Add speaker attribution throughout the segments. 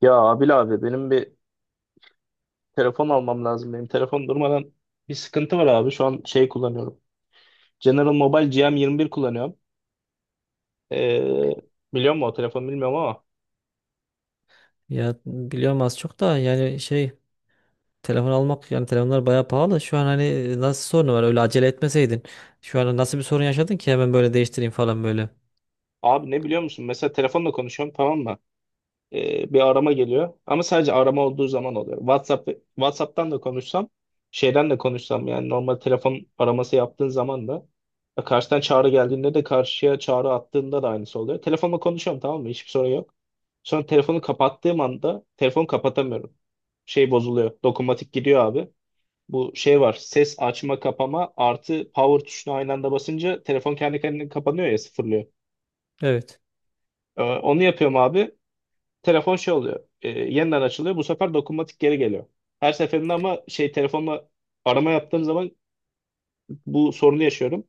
Speaker 1: Ya, Abil abi, benim bir telefon almam lazım. Benim telefon durmadan bir sıkıntı var abi. Şu an şey kullanıyorum. General Mobile GM21 kullanıyorum. Ee, Biliyor musun? O telefonu bilmiyorum ama.
Speaker 2: Ya biliyorum az çok da yani şey telefon almak. Yani telefonlar bayağı pahalı. Şu an hani, nasıl sorunu var öyle acele etmeseydin. Şu an nasıl bir sorun yaşadın ki hemen böyle değiştireyim falan böyle.
Speaker 1: Abi, ne biliyor musun? Mesela telefonla konuşuyorum, tamam mı? Bir arama geliyor. Ama sadece arama olduğu zaman oluyor. WhatsApp'tan da konuşsam, şeyden de konuşsam, yani normal telefon araması yaptığın zaman da karşıdan çağrı geldiğinde de karşıya çağrı attığında da aynısı oluyor. Telefonla konuşuyorum, tamam mı? Hiçbir sorun yok. Sonra telefonu kapattığım anda telefonu kapatamıyorum. Şey bozuluyor. Dokunmatik gidiyor abi. Bu şey var. Ses açma kapama artı power tuşuna aynı anda basınca telefon kendi kendine kapanıyor ya sıfırlıyor.
Speaker 2: Evet.
Speaker 1: Onu yapıyorum abi. Telefon şey oluyor. Yeniden açılıyor. Bu sefer dokunmatik geri geliyor. Her seferinde ama şey telefonla arama yaptığım zaman bu sorunu yaşıyorum.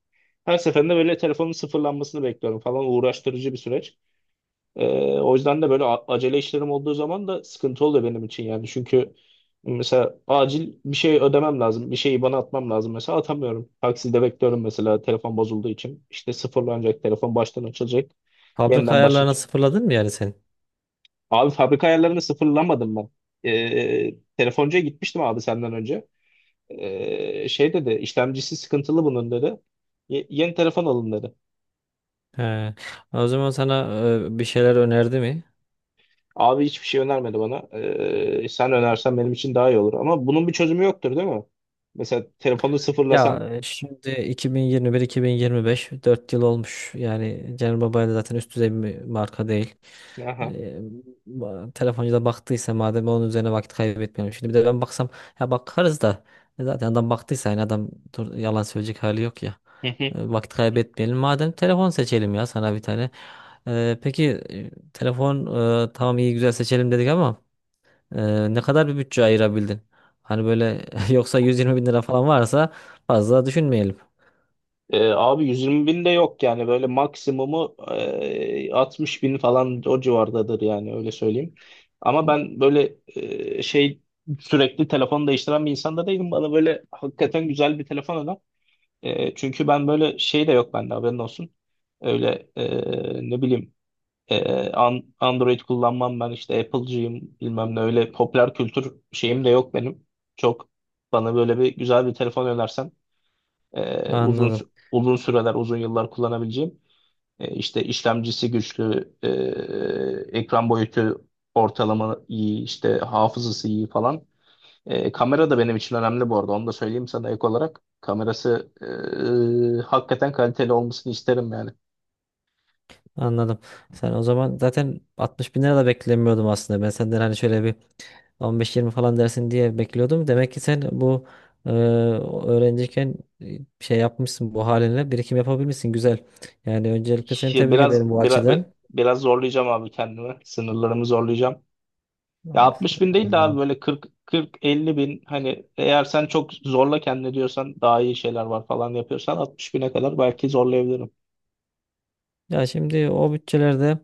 Speaker 1: Her seferinde böyle telefonun sıfırlanmasını bekliyorum falan, uğraştırıcı bir süreç. E, O yüzden de böyle acele işlerim olduğu zaman da sıkıntı oluyor benim için yani. Çünkü mesela acil bir şey ödemem lazım. Bir şeyi bana atmam lazım mesela, atamıyorum. Takside bekliyorum mesela, telefon bozulduğu için. İşte sıfırlanacak telefon, baştan açılacak.
Speaker 2: Fabrika
Speaker 1: Yeniden
Speaker 2: ayarlarına
Speaker 1: başlatacak.
Speaker 2: sıfırladın mı yani sen?
Speaker 1: Abi, fabrika ayarlarını sıfırlamadım ben. Telefoncuya gitmiştim abi, senden önce. Şey dedi, işlemcisi sıkıntılı bunun dedi. " Yeni telefon alın dedi.
Speaker 2: He. O zaman sana bir şeyler önerdi mi?
Speaker 1: Abi, hiçbir şey önermedi bana. Sen önersen benim için daha iyi olur. Ama bunun bir çözümü yoktur değil mi? Mesela telefonu
Speaker 2: Ya
Speaker 1: sıfırlasam.
Speaker 2: şimdi 2021-2025 4 yıl olmuş. Yani Cenel Baba'yla zaten üst düzey bir marka değil.
Speaker 1: Aha.
Speaker 2: Ee, Telefoncu da baktıysa madem, onun üzerine vakit kaybetmiyorum. Şimdi bir de ben baksam, ya bakarız da zaten adam baktıysa, yani adam yalan söyleyecek hali yok ya. Vakit kaybetmeyelim. Madem telefon seçelim ya sana bir tane. Peki, telefon, tamam iyi güzel seçelim dedik ama ne kadar bir bütçe ayırabildin? Hani böyle yoksa 120 bin lira falan varsa fazla düşünmeyelim.
Speaker 1: Abi, 120 bin de yok yani, böyle maksimumu 60 bin falan, o civardadır yani, öyle söyleyeyim. Ama ben böyle şey sürekli telefon değiştiren bir insan da değilim. Bana böyle hakikaten güzel bir telefon öner. Çünkü ben böyle şey de yok bende, haberin olsun. Öyle ne bileyim, Android kullanmam ben, işte Apple'cıyım bilmem ne, öyle popüler kültür şeyim de yok benim. Çok bana böyle bir güzel bir telefon önersen uzun
Speaker 2: Anladım.
Speaker 1: uzun süreler, uzun yıllar kullanabileceğim. İşte işlemcisi güçlü, ekran boyutu ortalama iyi, işte hafızası iyi falan. Kamera da benim için önemli bu arada. Onu da söyleyeyim sana ek olarak. Kamerası hakikaten kaliteli olmasını isterim yani.
Speaker 2: Anladım. Sen o zaman zaten 60 bin lira da beklemiyordum aslında. Ben senden hani şöyle bir 15-20 falan dersin diye bekliyordum. Demek ki sen bu, e, öğrenciyken şey yapmışsın, bu halinle birikim yapabilmişsin. Güzel. Yani öncelikle seni
Speaker 1: Ya,
Speaker 2: tebrik
Speaker 1: Biraz,
Speaker 2: ederim bu
Speaker 1: biraz
Speaker 2: açıdan.
Speaker 1: biraz zorlayacağım abi kendimi. Sınırlarımı zorlayacağım. Ya,
Speaker 2: Of,
Speaker 1: 60 bin değil de abi,
Speaker 2: anladım.
Speaker 1: böyle 40 40-50 bin, hani eğer sen çok zorla kendini diyorsan, daha iyi şeyler var falan yapıyorsan 60 bine kadar belki zorlayabilirim.
Speaker 2: Ya şimdi o bütçelerde,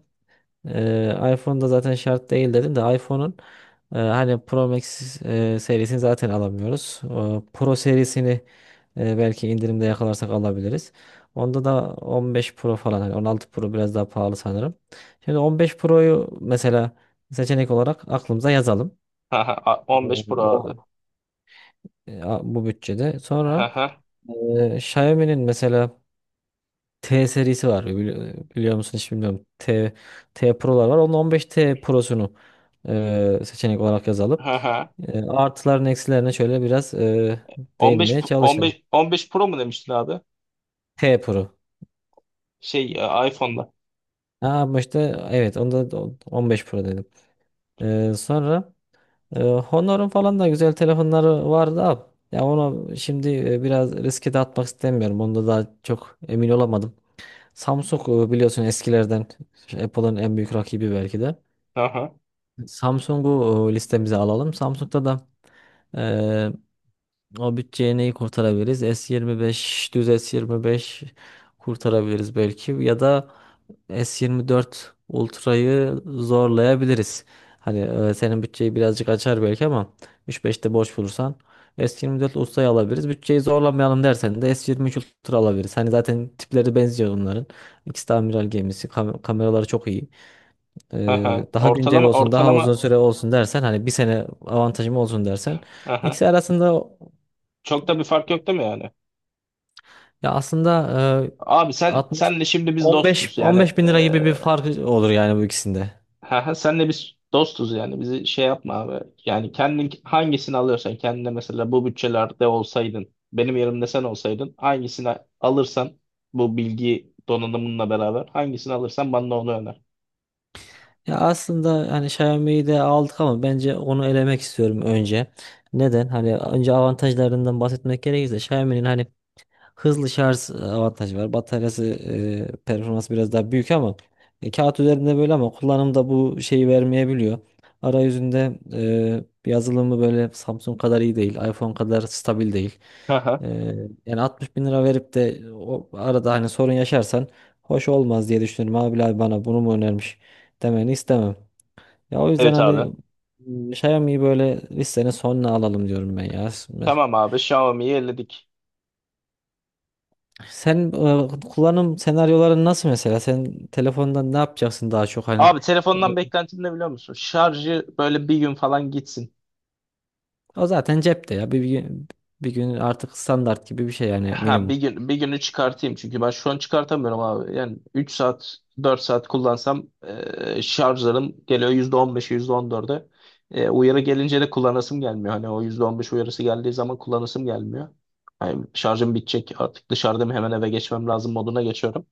Speaker 2: iPhone'da zaten şart değil dedim, de iPhone'un hani Pro Max serisini zaten alamıyoruz. O Pro serisini belki indirimde yakalarsak alabiliriz. Onda da 15 Pro falan, hani 16 Pro biraz daha pahalı sanırım. Şimdi 15 Pro'yu mesela seçenek olarak aklımıza yazalım.
Speaker 1: Haha,
Speaker 2: Ee,
Speaker 1: 15 Pro abi.
Speaker 2: O Bu bütçede. Sonra
Speaker 1: Haha,
Speaker 2: Xiaomi'nin mesela T serisi var. Biliyor musun, hiç bilmiyorum. T, T Pro'lar var. Onun 15T Pro'sunu seçenek olarak yazalım.
Speaker 1: haha.
Speaker 2: Artılarını eksilerine şöyle biraz
Speaker 1: 15
Speaker 2: değinmeye
Speaker 1: P-
Speaker 2: çalışalım.
Speaker 1: 15 15 Pro mu demiştin abi?
Speaker 2: T Pro.
Speaker 1: Şey, iPhone'da.
Speaker 2: Ha, ama işte evet onda da 15 Pro dedim. Sonra Honor'un falan da güzel telefonları vardı abi. Ya onu şimdi biraz riske de atmak istemiyorum. Onda daha çok emin olamadım. Samsung, biliyorsun, eskilerden Apple'ın en büyük rakibi belki de.
Speaker 1: Haha,
Speaker 2: Samsung'u listemize alalım. Samsung'da da e, o bütçeye neyi kurtarabiliriz? S25, düz S25 kurtarabiliriz belki, ya da S24 Ultra'yı zorlayabiliriz. Hani senin bütçeyi birazcık açar belki, ama 3-5'te boş bulursan S24 Ultra'yı alabiliriz. Bütçeyi zorlamayalım dersen de S23 Ultra alabiliriz. Hani zaten tipleri benziyor onların. İkisi de amiral gemisi. Kameraları çok iyi.
Speaker 1: haha.
Speaker 2: Daha güncel
Speaker 1: Ortalama
Speaker 2: olsun, daha
Speaker 1: ortalama,
Speaker 2: uzun süre olsun dersen, hani bir sene avantajım olsun dersen,
Speaker 1: haha.
Speaker 2: ikisi arasında,
Speaker 1: Çok da bir fark yok değil mi yani?
Speaker 2: ya aslında
Speaker 1: Abi, sen
Speaker 2: 60
Speaker 1: senle şimdi biz
Speaker 2: 15
Speaker 1: dostuz yani,
Speaker 2: 15 bin lira gibi bir fark olur yani bu ikisinde.
Speaker 1: ha, ha, senle biz dostuz yani, bizi şey yapma abi. Yani kendin hangisini alıyorsan kendine, mesela bu bütçelerde olsaydın, benim yerimde sen olsaydın hangisini alırsan, bu bilgi donanımınla beraber hangisini alırsan bana onu öner.
Speaker 2: Ya aslında hani Xiaomi'yi de aldık, ama bence onu elemek istiyorum önce. Neden? Hani önce avantajlarından bahsetmek gerekirse, Xiaomi'nin hani hızlı şarj avantajı var. Bataryası, performansı biraz daha büyük, ama kağıt üzerinde böyle, ama kullanımda bu şeyi vermeyebiliyor. Arayüzünde, yazılımı böyle Samsung kadar iyi değil. iPhone kadar stabil değil.
Speaker 1: Ha, ha.
Speaker 2: E, Yani 60 bin lira verip de o arada hani sorun yaşarsan hoş olmaz diye düşünüyorum. Abi abi bana bunu mu önermiş demeni istemem. Ya o yüzden
Speaker 1: Evet abi.
Speaker 2: hani Xiaomi'yi böyle listenin sonuna alalım diyorum ben ya.
Speaker 1: Tamam abi, Xiaomi'yi elledik.
Speaker 2: Sen, kullanım senaryoların nasıl mesela? Sen telefondan ne yapacaksın daha çok hani?
Speaker 1: Abi,
Speaker 2: O
Speaker 1: telefondan beklentim ne biliyor musun? Şarjı böyle bir gün falan gitsin.
Speaker 2: o zaten cepte ya. Bir, bir gün, bir gün artık standart gibi bir şey yani,
Speaker 1: Ha, bir
Speaker 2: minimum.
Speaker 1: gün, bir günü çıkartayım, çünkü ben şu an çıkartamıyorum abi. Yani 3 saat, 4 saat kullansam şarjlarım geliyor yüzde on beşe, yüzde on %14'e. Uyarı gelince de kullanasım gelmiyor. Hani o %15 uyarısı geldiği zaman kullanasım gelmiyor. Yani şarjım bitecek artık, dışarıdayım, hemen eve geçmem lazım moduna geçiyorum.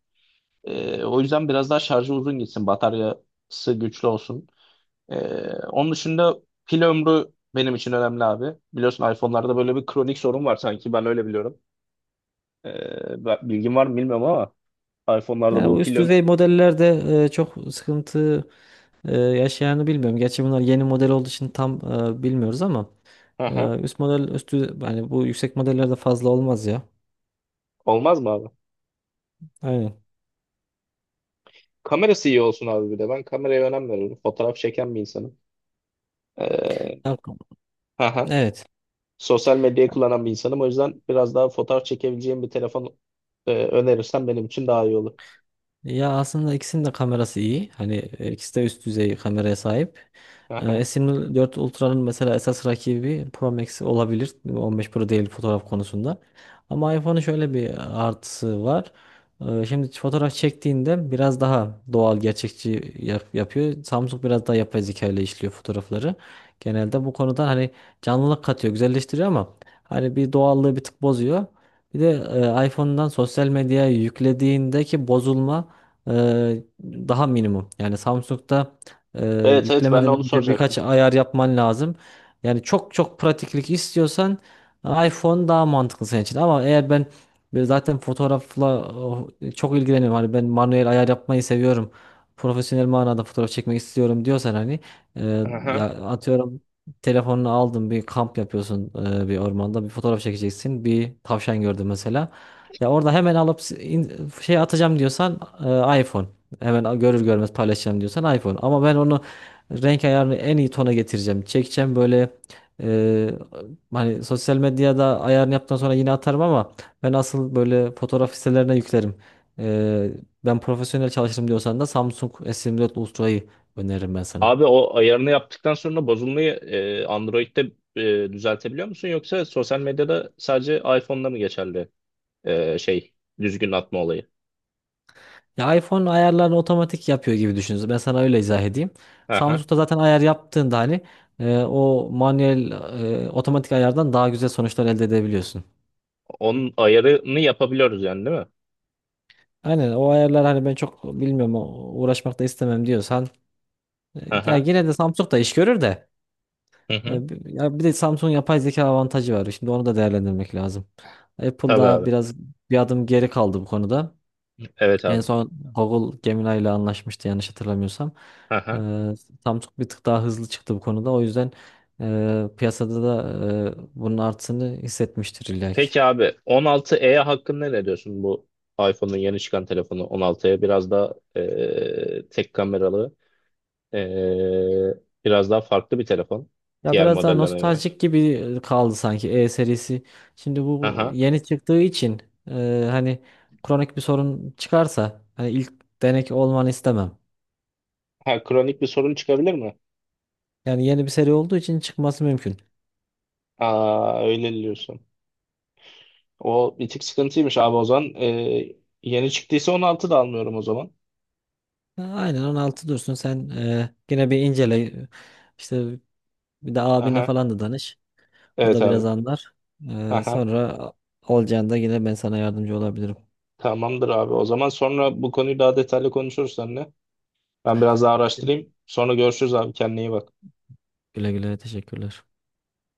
Speaker 1: O yüzden biraz daha şarjı uzun gitsin, bataryası güçlü olsun. E, Onun dışında pil ömrü benim için önemli abi. Biliyorsun iPhone'larda böyle bir kronik sorun var sanki, ben öyle biliyorum. Bilgin var mı bilmiyorum ama iPhone'larda
Speaker 2: Yani bu
Speaker 1: bu pil
Speaker 2: üst
Speaker 1: öm-
Speaker 2: düzey modellerde çok sıkıntı yaşayanı bilmiyorum. Gerçi bunlar yeni model olduğu için tam bilmiyoruz, ama
Speaker 1: Aha.
Speaker 2: üst model üstü, yani bu yüksek modellerde fazla olmaz ya.
Speaker 1: Olmaz mı abi?
Speaker 2: Aynen.
Speaker 1: Kamerası iyi olsun abi bir de. Ben kameraya önem veriyorum. Fotoğraf çeken bir insanım. Ee,
Speaker 2: Ya.
Speaker 1: aha.
Speaker 2: Evet.
Speaker 1: Sosyal medyayı kullanan bir insanım. O yüzden biraz daha fotoğraf çekebileceğim bir telefon önerirsen benim için daha iyi olur.
Speaker 2: Ya aslında ikisinin de kamerası iyi. Hani ikisi de üst düzey kameraya sahip.
Speaker 1: Aha.
Speaker 2: S24 Ultra'nın mesela esas rakibi Pro Max olabilir. 15 Pro değil fotoğraf konusunda. Ama iPhone'un şöyle bir artısı var. Şimdi fotoğraf çektiğinde biraz daha doğal, gerçekçi yapıyor. Samsung biraz daha yapay zeka ile işliyor fotoğrafları. Genelde bu konuda hani canlılık katıyor, güzelleştiriyor, ama hani bir doğallığı bir tık bozuyor. Bir de iPhone'dan sosyal medyaya yüklediğindeki bozulma daha minimum. Yani Samsung'da e,
Speaker 1: Evet, evet, ben de
Speaker 2: yüklemeden
Speaker 1: onu
Speaker 2: önce birkaç
Speaker 1: soracaktım.
Speaker 2: ayar yapman lazım. Yani çok çok pratiklik istiyorsan iPhone daha mantıklı senin için. Ama eğer ben böyle zaten fotoğrafla oh, çok ilgileniyorum. Hani ben manuel ayar yapmayı seviyorum. Profesyonel manada fotoğraf çekmek istiyorum diyorsan, hani e,
Speaker 1: Aha.
Speaker 2: ya atıyorum, telefonunu aldın, bir kamp yapıyorsun, bir ormanda bir fotoğraf çekeceksin. Bir tavşan gördün mesela. Ya orada hemen alıp şey atacağım diyorsan, iPhone. Hemen görür görmez paylaşacağım diyorsan iPhone. Ama ben onu renk ayarını en iyi tona getireceğim, çekeceğim böyle, e, hani sosyal medyada ayarını yaptıktan sonra yine atarım, ama ben asıl böyle fotoğraf sitelerine yüklerim. E, Ben profesyonel çalışırım diyorsan da Samsung S24 Ultra'yı öneririm ben sana.
Speaker 1: Abi, o ayarını yaptıktan sonra bozulmayı Android'de düzeltebiliyor musun? Yoksa sosyal medyada sadece iPhone'da mı geçerli şey, düzgün atma olayı?
Speaker 2: Ya iPhone ayarlarını otomatik yapıyor gibi düşünün. Ben sana öyle izah edeyim. Samsung'da zaten ayar yaptığında hani o manuel otomatik ayardan daha güzel sonuçlar elde edebiliyorsun.
Speaker 1: Onun ayarını yapabiliyoruz yani, değil mi?
Speaker 2: Aynen, o ayarlar. Hani ben çok bilmiyorum, uğraşmak da istemem diyorsan, e,
Speaker 1: Hı
Speaker 2: ya
Speaker 1: hı.
Speaker 2: yine de Samsung da iş görür de
Speaker 1: Hı hı.
Speaker 2: ya bir de Samsung yapay zeka avantajı var. Şimdi onu da değerlendirmek lazım.
Speaker 1: Tabii
Speaker 2: Apple'da
Speaker 1: abi.
Speaker 2: biraz bir adım geri kaldı bu konuda.
Speaker 1: Evet
Speaker 2: En
Speaker 1: abi.
Speaker 2: son Google Gemini ile anlaşmıştı yanlış hatırlamıyorsam.
Speaker 1: Hı
Speaker 2: Eee
Speaker 1: hı.
Speaker 2: Samsung bir tık daha hızlı çıktı bu konuda. O yüzden piyasada da bunun artısını hissetmiştir illa ki.
Speaker 1: Peki abi, 16e hakkında ne diyorsun? Bu iPhone'un yeni çıkan telefonu 16e, biraz daha tek kameralı, e, biraz daha farklı bir telefon
Speaker 2: Ya
Speaker 1: diğer
Speaker 2: biraz daha
Speaker 1: modellerine göre.
Speaker 2: nostaljik gibi kaldı sanki E serisi. Şimdi
Speaker 1: Hı
Speaker 2: bu
Speaker 1: hı.
Speaker 2: yeni çıktığı için hani, kronik bir sorun çıkarsa hani ilk denek olmanı istemem.
Speaker 1: Ha, kronik bir sorun çıkabilir mi?
Speaker 2: Yani yeni bir seri olduğu için çıkması mümkün.
Speaker 1: Aa, öyle diyorsun. O bir tık sıkıntıymış abi o zaman. Yeni çıktıysa 16 da almıyorum o zaman.
Speaker 2: Ha, aynen, 16 dursun. Sen yine bir incele işte, bir de abine
Speaker 1: Aha.
Speaker 2: falan da danış. O
Speaker 1: Evet
Speaker 2: da
Speaker 1: abi.
Speaker 2: biraz anlar.
Speaker 1: Aha.
Speaker 2: Sonra olacağında yine ben sana yardımcı olabilirim.
Speaker 1: Tamamdır abi. O zaman sonra bu konuyu daha detaylı konuşuruz seninle. Ben biraz daha araştırayım. Sonra görüşürüz abi. Kendine iyi bak.
Speaker 2: Güle güle, teşekkürler.